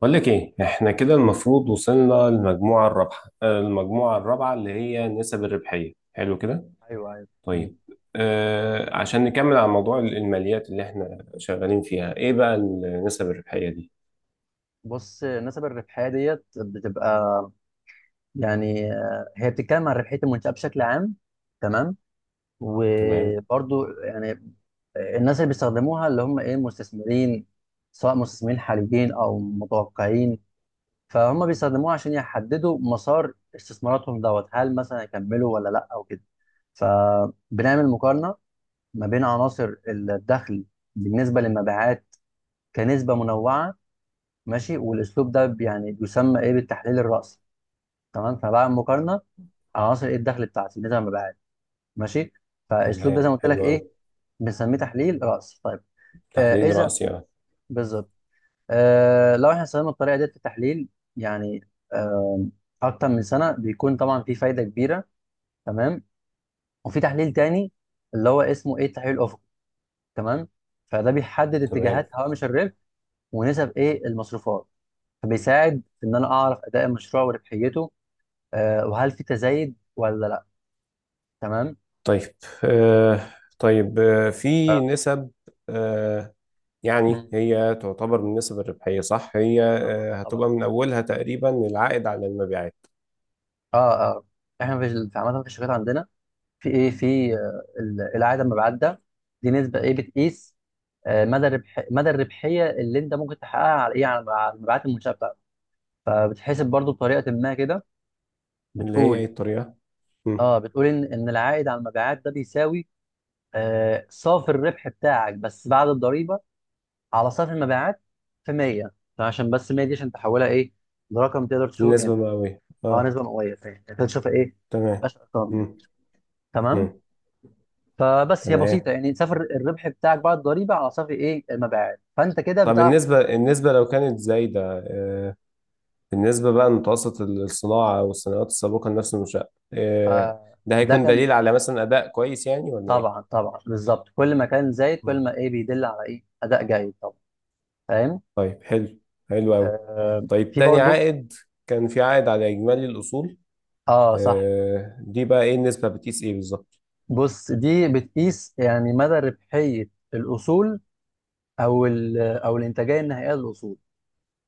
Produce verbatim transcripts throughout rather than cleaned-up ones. بقول لك ايه، احنا كده المفروض وصلنا للمجموعه الرابحه، آه، المجموعه الرابعه اللي هي نسب الربحيه. حلو كده. ايوه، ايوه، مم. طيب. آه عشان نكمل على موضوع الماليات اللي احنا شغالين فيها، ايه بقى النسب الربحيه دي؟ بص، نسب الربحيه ديت بتبقى، يعني آه، هي بتتكلم عن ربحيه المنشاه بشكل عام. تمام. تمام. وبرضو يعني، آه، الناس اللي بيستخدموها اللي هم ايه مستثمرين، سواء مستثمرين حاليين او متوقعين. فهم بيستخدموها عشان يحددوا مسار استثماراتهم دوت، هل مثلا يكملوا ولا لا او كده. فبنعمل مقارنه ما بين عناصر الدخل بالنسبه للمبيعات كنسبه منوعه. ماشي. والاسلوب ده بي- يعني بيسمى ايه بالتحليل الرأسي. تمام. فبعمل مقارنه على عناصر ايه الدخل بتاعتي نسبه ما بعد. ماشي. فالاسلوب ده تمام، زي ما قلت لك حلو قوي. ايه، بنسميه تحليل رأسي. طيب. آه، تحليل اذا رأسي يعني. بالظبط. آه، لو احنا استخدمنا الطريقه ديت في التحليل، يعني آه اكتر من سنه بيكون طبعا في فايده كبيره. تمام. وفي تحليل تاني اللي هو اسمه ايه التحليل الافقي. تمام. فده بيحدد تمام. اتجاهات هوامش الربح ونسب ايه المصروفات، فبيساعد في ان انا اعرف اداء المشروع وربحيته، آه، وهل في تزايد ولا لا. تمام. طيب، آه طيب، آه آه، في نسب، آه يعني مم. هي تعتبر من النسب الربحيه، صح؟ هي آه طبعا، هتبقى طبعا. من اولها تقريبا العائد على المبيعات. اه، اه. احنا في ال- في عامه في الشركات عندنا، في ايه، في آه، ال- العائد المبعدة، دي نسبه ايه بتقيس؟ آه، مدى الربح، مدى الربحيه اللي انت ممكن تحققها على ايه، على على المبيعات المنشاه بتاعتك. فبتحسب برضو بطريقه ما كده، اللي هي ايه بتقول، الطريقه؟ اه، بتقول ان ان العائد على المبيعات ده بيساوي آه، صافي الربح بتاعك بس بعد الضريبه، على صافي المبيعات، في مية. فعشان بس مية دي عشان تحولها ايه لرقم تقدر تشوف يعني. النسبة مئوية، اه، اه. نسبه مئويه. فاهم، انت تشوفها ايه، تمام. مفيهاش ارقام يعني. مم. تمام. مم. فبس هي بسيطه، تمام. يعني صفر الربح بتاعك بعد الضريبه على صفر ايه المبيعات، فانت كده طب بتعرف. النسبة النسبة لو كانت زايدة، آه. بالنسبة بقى لمتوسط الصناعة أو الصناعات السابقة لنفس المنشأة آه. آه، ده ده هيكون كان. دليل على مثلا أداء كويس يعني ولا طبعا، إيه؟ طبعا، بالظبط. كل ما كان زايد مم. كل ما ايه بيدل على ايه، اداء جيد طبعا. فاهم. طيب، حلو. حلو أوي. آه، طيب، في تاني برضو. عائد، كان في عائد على إجمالي الأصول اه، صح. آه. دي بقى إيه النسبة؟ بتقيس إيه بالظبط؟ بص، دي بتقيس يعني مدى ربحيه الاصول، او ال- او الانتاجيه النهائيه للاصول،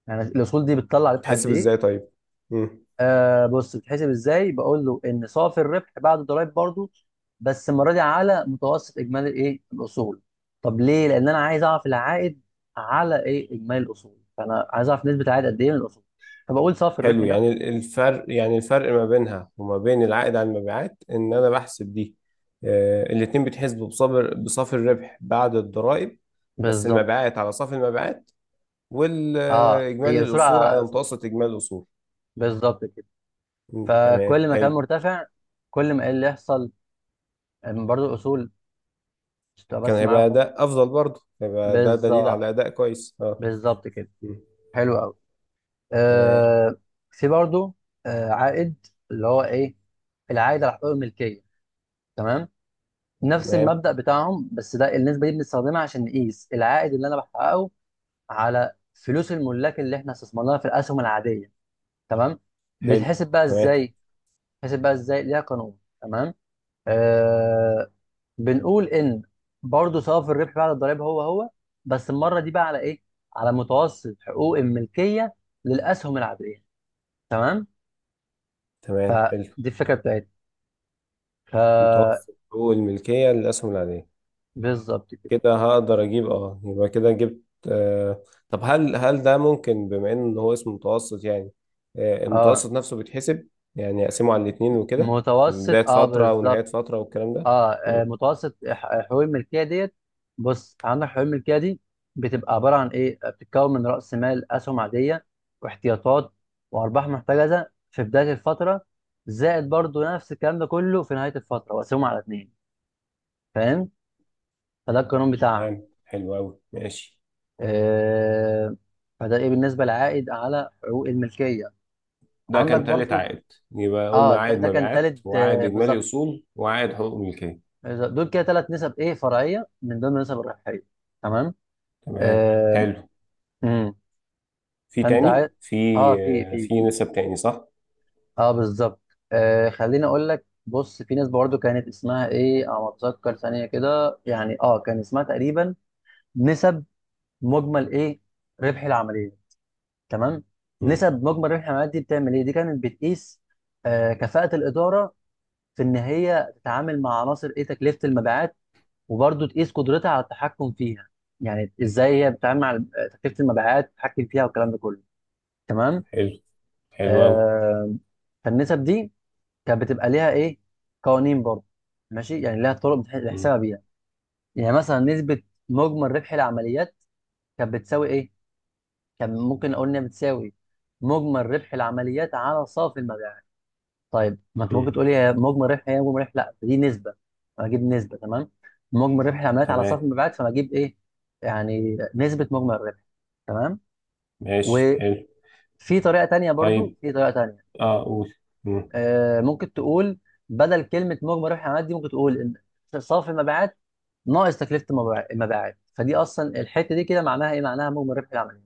يعني الاصول دي بتطلع ربح قد تحسب ايه. إزاي طيب؟ مم. آه، بص، بتحسب ازاي؟ بقول له ان صافي الربح بعد الضرايب برضو، بس المره دي على متوسط اجمالي ايه الاصول. طب ليه؟ لان انا عايز اعرف العائد على ايه اجمالي الاصول، فانا عايز اعرف نسبه العائد قد ايه من الاصول، فبقول صافي الربح حلو. ده يعني ال- الفرق، يعني الفرق ما بينها وما بين العائد على المبيعات، ان انا بحسب دي، آه، الاتنين بيتحسبوا بصافر، بصافي الربح بعد الضرائب. بس بالظبط. المبيعات على صافي المبيعات، اه، والاجمالي هي اصول الاصول على على اصول. متوسط اجمالي الاصول. بالظبط كده. مم، تمام، فكل ما كان حلو. مرتفع كل ما ايه اللي يحصل، إن برضو الاصول تبقى كان بس معايا هيبقى خط. اداء افضل، برضه هيبقى ده دليل على بالظبط، اداء كويس، اه. بالظبط كده. مم، حلو قوي. تمام. آه، في برضو آه، عائد اللي هو ايه، العائد على حقوق الملكيه. تمام. نفس تمام، المبدا بتاعهم، بس ده النسبه دي بنستخدمها عشان نقيس العائد اللي انا بحققه على فلوس الملاك اللي احنا استثمرناها في الاسهم العاديه. تمام. حلو. بيتحسب بقى تمام. ازاي؟ بيتحسب بقى ازاي، ليها قانون. تمام. آه، بنقول ان برضو صافي الربح بعد الضرائب هو هو، بس المره دي بقى على ايه، على متوسط حقوق الملكيه للاسهم العاديه. تمام. ف تمام، حلو. دي الفكره بتاعتها. ك متوسط حقوق الملكية للأسهم العادية، بالظبط كده. كده هقدر اجيب، اه، يبقى كده جبت. آه طب هل هل ده ممكن بما ان هو اسم متوسط، يعني آه اه، المتوسط نفسه بيتحسب؟ يعني اقسمه على الاتنين وكده؟ بداية متوسط. اه، فترة ونهاية بالظبط. فترة والكلام ده. اه، آه، مم، متوسط ح- حقوق الملكيه ديت. بص، عندك حقوق الملكيه دي بتبقى عباره عن ايه، بتتكون من راس مال اسهم عاديه واحتياطات وارباح محتجزه في بدايه الفتره، زائد برضو نفس الكلام ده كله في نهايه الفتره، وقسمهم على اتنين. فاهم. فده القانون بتاعها. تمام، حلو قوي، ماشي. آه، فده ايه بالنسبه للعائد على حقوق الملكيه. ده عندك كان تالت برضو. عائد. يبقى اه، قلنا ده, عائد ده كان مبيعات تالت، وعائد آه، اجمالي بالظبط. اصول وعائد حقوق ملكية. إذا- دول كده ثلاث نسب ايه فرعيه من ضمن النسب الربحيه. تمام. تمام، آه. حلو. امم، في فانت عايز. تاني في اه، في آه في في في نسب تاني، صح؟ اه بالظبط. آه، خليني اقول لك، بص، في نسبه برضه كانت اسمها ايه، على ما اتذكر ثانيه كده، يعني اه، كان اسمها تقريبا نسب مجمل ايه ربح العمليه. تمام. مم، نسب مجمل ربح العمليه دي بتعمل ايه؟ دي كانت بتقيس آه كفاءه الاداره في ان هي تتعامل مع عناصر ايه تكلفه المبيعات، وبرضه تقيس قدرتها على التحكم فيها، يعني ازاي هي بتتعامل مع تكلفه المبيعات، تتحكم فيها والكلام ده كله. تمام. حلو. حلو قوي. آه، فالنسب دي كانت بتبقى ليها ايه قوانين برضه. ماشي، يعني ليها طرق بتح- بتحسبها بيها. يعني مثلا، نسبه مجمل ربح العمليات كانت بتساوي ايه، كان ممكن اقول انها بتساوي مجمل ربح العمليات على صافي المبيعات. طيب ما انت ممكن تقولي، هي مجمل ربح، هي مجمل ربح، لا دي نسبه، فاجيب نسبه. تمام. مجمل ربح العمليات على صافي تمام، المبيعات فبجيب ايه، يعني نسبه مجمل الربح. تمام. ماشي، وفي حلو. طريقه تانية برضو طيب، في طريقه تانية. اه قول. مم. آه، ممكن تقول، بدل كلمه مجمل ربح العمليات دي، ممكن تقول ان صافي المبيعات ناقص تكلفه المبيع- المبيعات، فدي اصلا الحته دي كده معناها ايه، معناها مجمل ربح العمليات.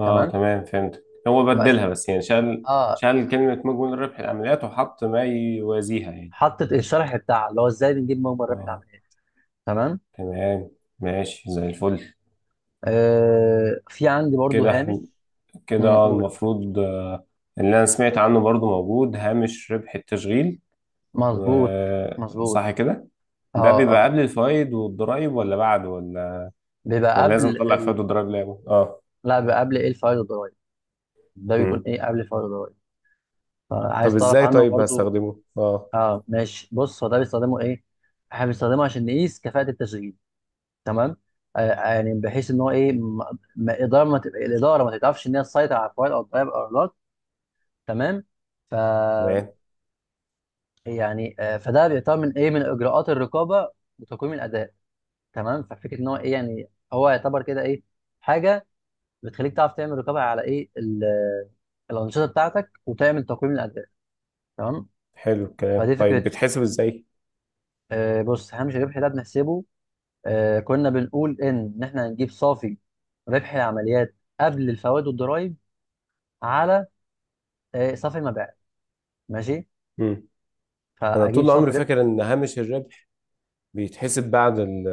اه، تمام. تمام، فهمت، هو وأس- بدلها بس، يعني شال. اه، شال كلمة مجمل ربح العمليات وحط ما يوازيها يعني. حطت الشرح بتاعها اللي هو ازاي بنجيب مجمل ربح اه، العمليات. تمام. تمام، ماشي، زي الفل. آه، في عندي برضو كده هامش. احنا امم، كده قول قول. المفروض آه، اللي انا سمعت عنه برضو موجود هامش ربح التشغيل. مظبوط، و- مظبوط. صح كده؟ ده اه، بيبقى اه، قبل الفوائد والضرائب ولا بعد، ولا بيبقى ولا لازم قبل اطلع ال... الفوائد والضرائب لعبه، اه؟ لا، بيبقى قبل ايه الفايل الضرائب. ده بيكون مم. ايه قبل الفايل الضرائب، طب فعايز تعرف ازاي؟ عنه طيب برضو. هستخدمه، اه؟ اه، ماشي. بص، هو ده بيستخدمه ايه، احنا بنستخدمه عشان نقيس كفاءة التشغيل. تمام. آه، يعني بحيث ان هو ايه، م... م... الاداره ما ت... الاداره ما تتعرفش ان هي تسيطر على الفايل او الضرائب او لا. تمام. ف تمام، يعني آه، فده بيعتبر من ايه، من اجراءات الرقابه وتقويم الاداء. تمام. ففكره ان هو ايه، يعني هو يعتبر كده ايه، حاجه بتخليك تعرف تعمل رقابه على ايه ال- الانشطه بتاعتك وتعمل تقويم للاداء. تمام. حلو الكلام. فدي طيب فكرته. بتحسب ازاي؟ آه، بص، هامش الربح ده بنحسبه، آه، كنا بنقول ان ان احنا هنجيب صافي ربح العمليات قبل الفوائد والضرائب على آه صافي المبيعات. ماشي. انا فاجيب طول صافي عمري ربح. فاكر ان هامش الربح بيتحسب بعد ال-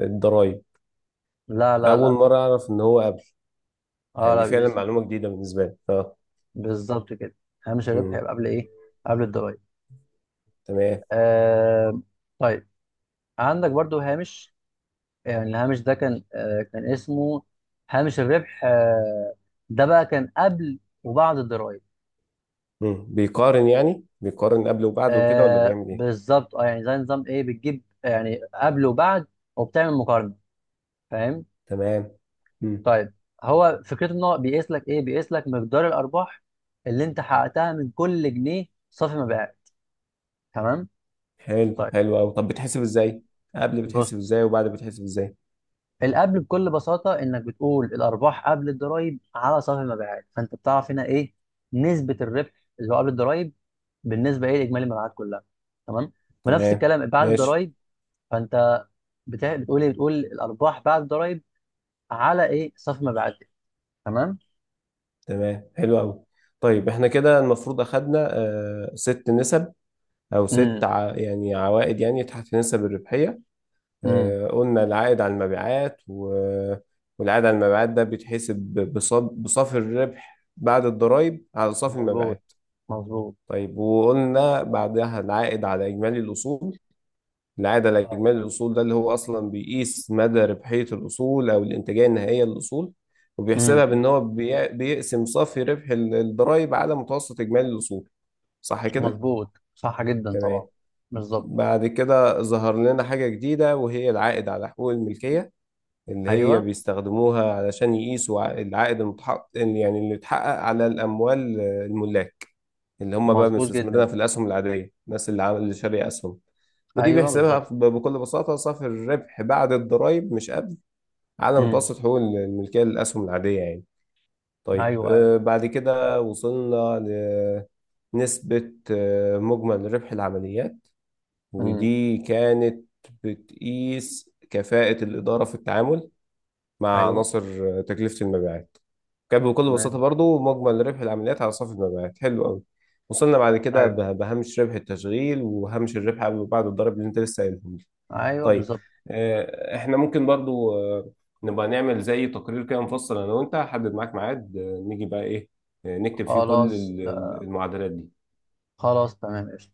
الضرايب. لا، لا، اول لا، لا. مره اعرف ان هو قبل. اه، يعني دي لا، فعلا بالاسم. معلومه جديده بالنسبه لي، اه. بالظبط كده. هامش الربح امم يبقى قبل ايه، قبل الضرائب. تمام. آه، طيب. عندك برضو هامش، يعني الهامش ده كان آه، كان اسمه هامش الربح، آه، ده بقى كان قبل وبعد الضرايب. امم بيقارن، يعني بيقارن قبل وبعد وكده، ولا آه، بيعمل ايه؟ بالظبط. اه، يعني زي نظام ايه، بتجيب يعني قبل وبعد وبتعمل مقارنه. فاهم. تمام. امم طيب، هو فكرته ان هو بيقيس لك ايه، بيقيس لك مقدار الارباح اللي انت حققتها من كل جنيه صافي مبيعات. تمام. حلو. طيب، حلو قوي. طب بتحسب ازاي؟ قبل بتحسب بص، ازاي وبعد بتحسب ازاي؟ القبل بكل بساطه انك بتقول الارباح قبل الضرايب على صافي المبيعات، فانت بتعرف هنا ايه نسبه الربح اللي هو قبل الضرايب بالنسبه ايه لاجمالي المبيعات كلها. تمام. ونفس تمام، الكلام بعد ماشي. الضرايب، فانت بتا- بتقول ايه، بتقول الارباح بعد الضرايب على ايه صافي مبيعاتك. تمام. تمام، حلو قوي. طيب احنا كده المفروض اخدنا آه ست نسب، او ست امم، ع... يعني عوائد، يعني تحت نسب الربحيه. امم. آه، قلنا العائد على المبيعات و- والعائد على المبيعات ده بيتحسب بصب- بصافي الربح بعد الضرائب على صافي مظبوط، المبيعات. مظبوط. طيب وقلنا بعدها العائد على إجمالي الأصول. العائد على اه، إجمالي الأصول ده اللي هو أصلا بيقيس مدى ربحية الأصول أو الإنتاجية النهائية للأصول. وبيحسبها بأن امم. هو بي- بيقسم صافي ربح ال- الضرائب على متوسط إجمالي الأصول، صح كده؟ مظبوط، صح جدا طبعا، تمام. بالظبط. بعد كده ظهر لنا حاجة جديدة، وهي العائد على حقوق الملكية، اللي هي ايوه، بيستخدموها علشان يقيسوا ع- العائد المتحقق، يعني اللي اتحقق على الأموال آه، الملاك اللي هم بقى مظبوط مستثمرينها جدا. في الأسهم العادية، الناس اللي عامل، اللي شارية أسهم. ودي ايوه، بيحسبها بالظبط. ب- بكل بساطة صافي الربح بعد الضرايب، مش قبل، على امم. متوسط حقوق الملكية للأسهم العادية يعني. طيب، ايوه، آه، ايوه. بعد كده وصلنا لنسبة آه، مجمل ربح العمليات. امم. ودي كانت بتقيس كفاءة الإدارة في التعامل مع ايوه، عناصر تكلفة المبيعات. كان بكل بساطة تمام. برضو مجمل ربح العمليات على صافي المبيعات. حلو قوي. وصلنا بعد كده ايوه، ب- بهامش ربح التشغيل وهامش الربح قبل وبعد الضرب اللي انت لسه قايلهم لي. ايوه، طيب، بالظبط. آه، احنا ممكن برضو آه، نبقى نعمل زي تقرير كده مفصل انا وانت، هحدد معاك ميعاد آه، نيجي بقى ايه، آه، نكتب فيه كل خلاص، ال- ال- المعادلات دي. خلاص، تمام.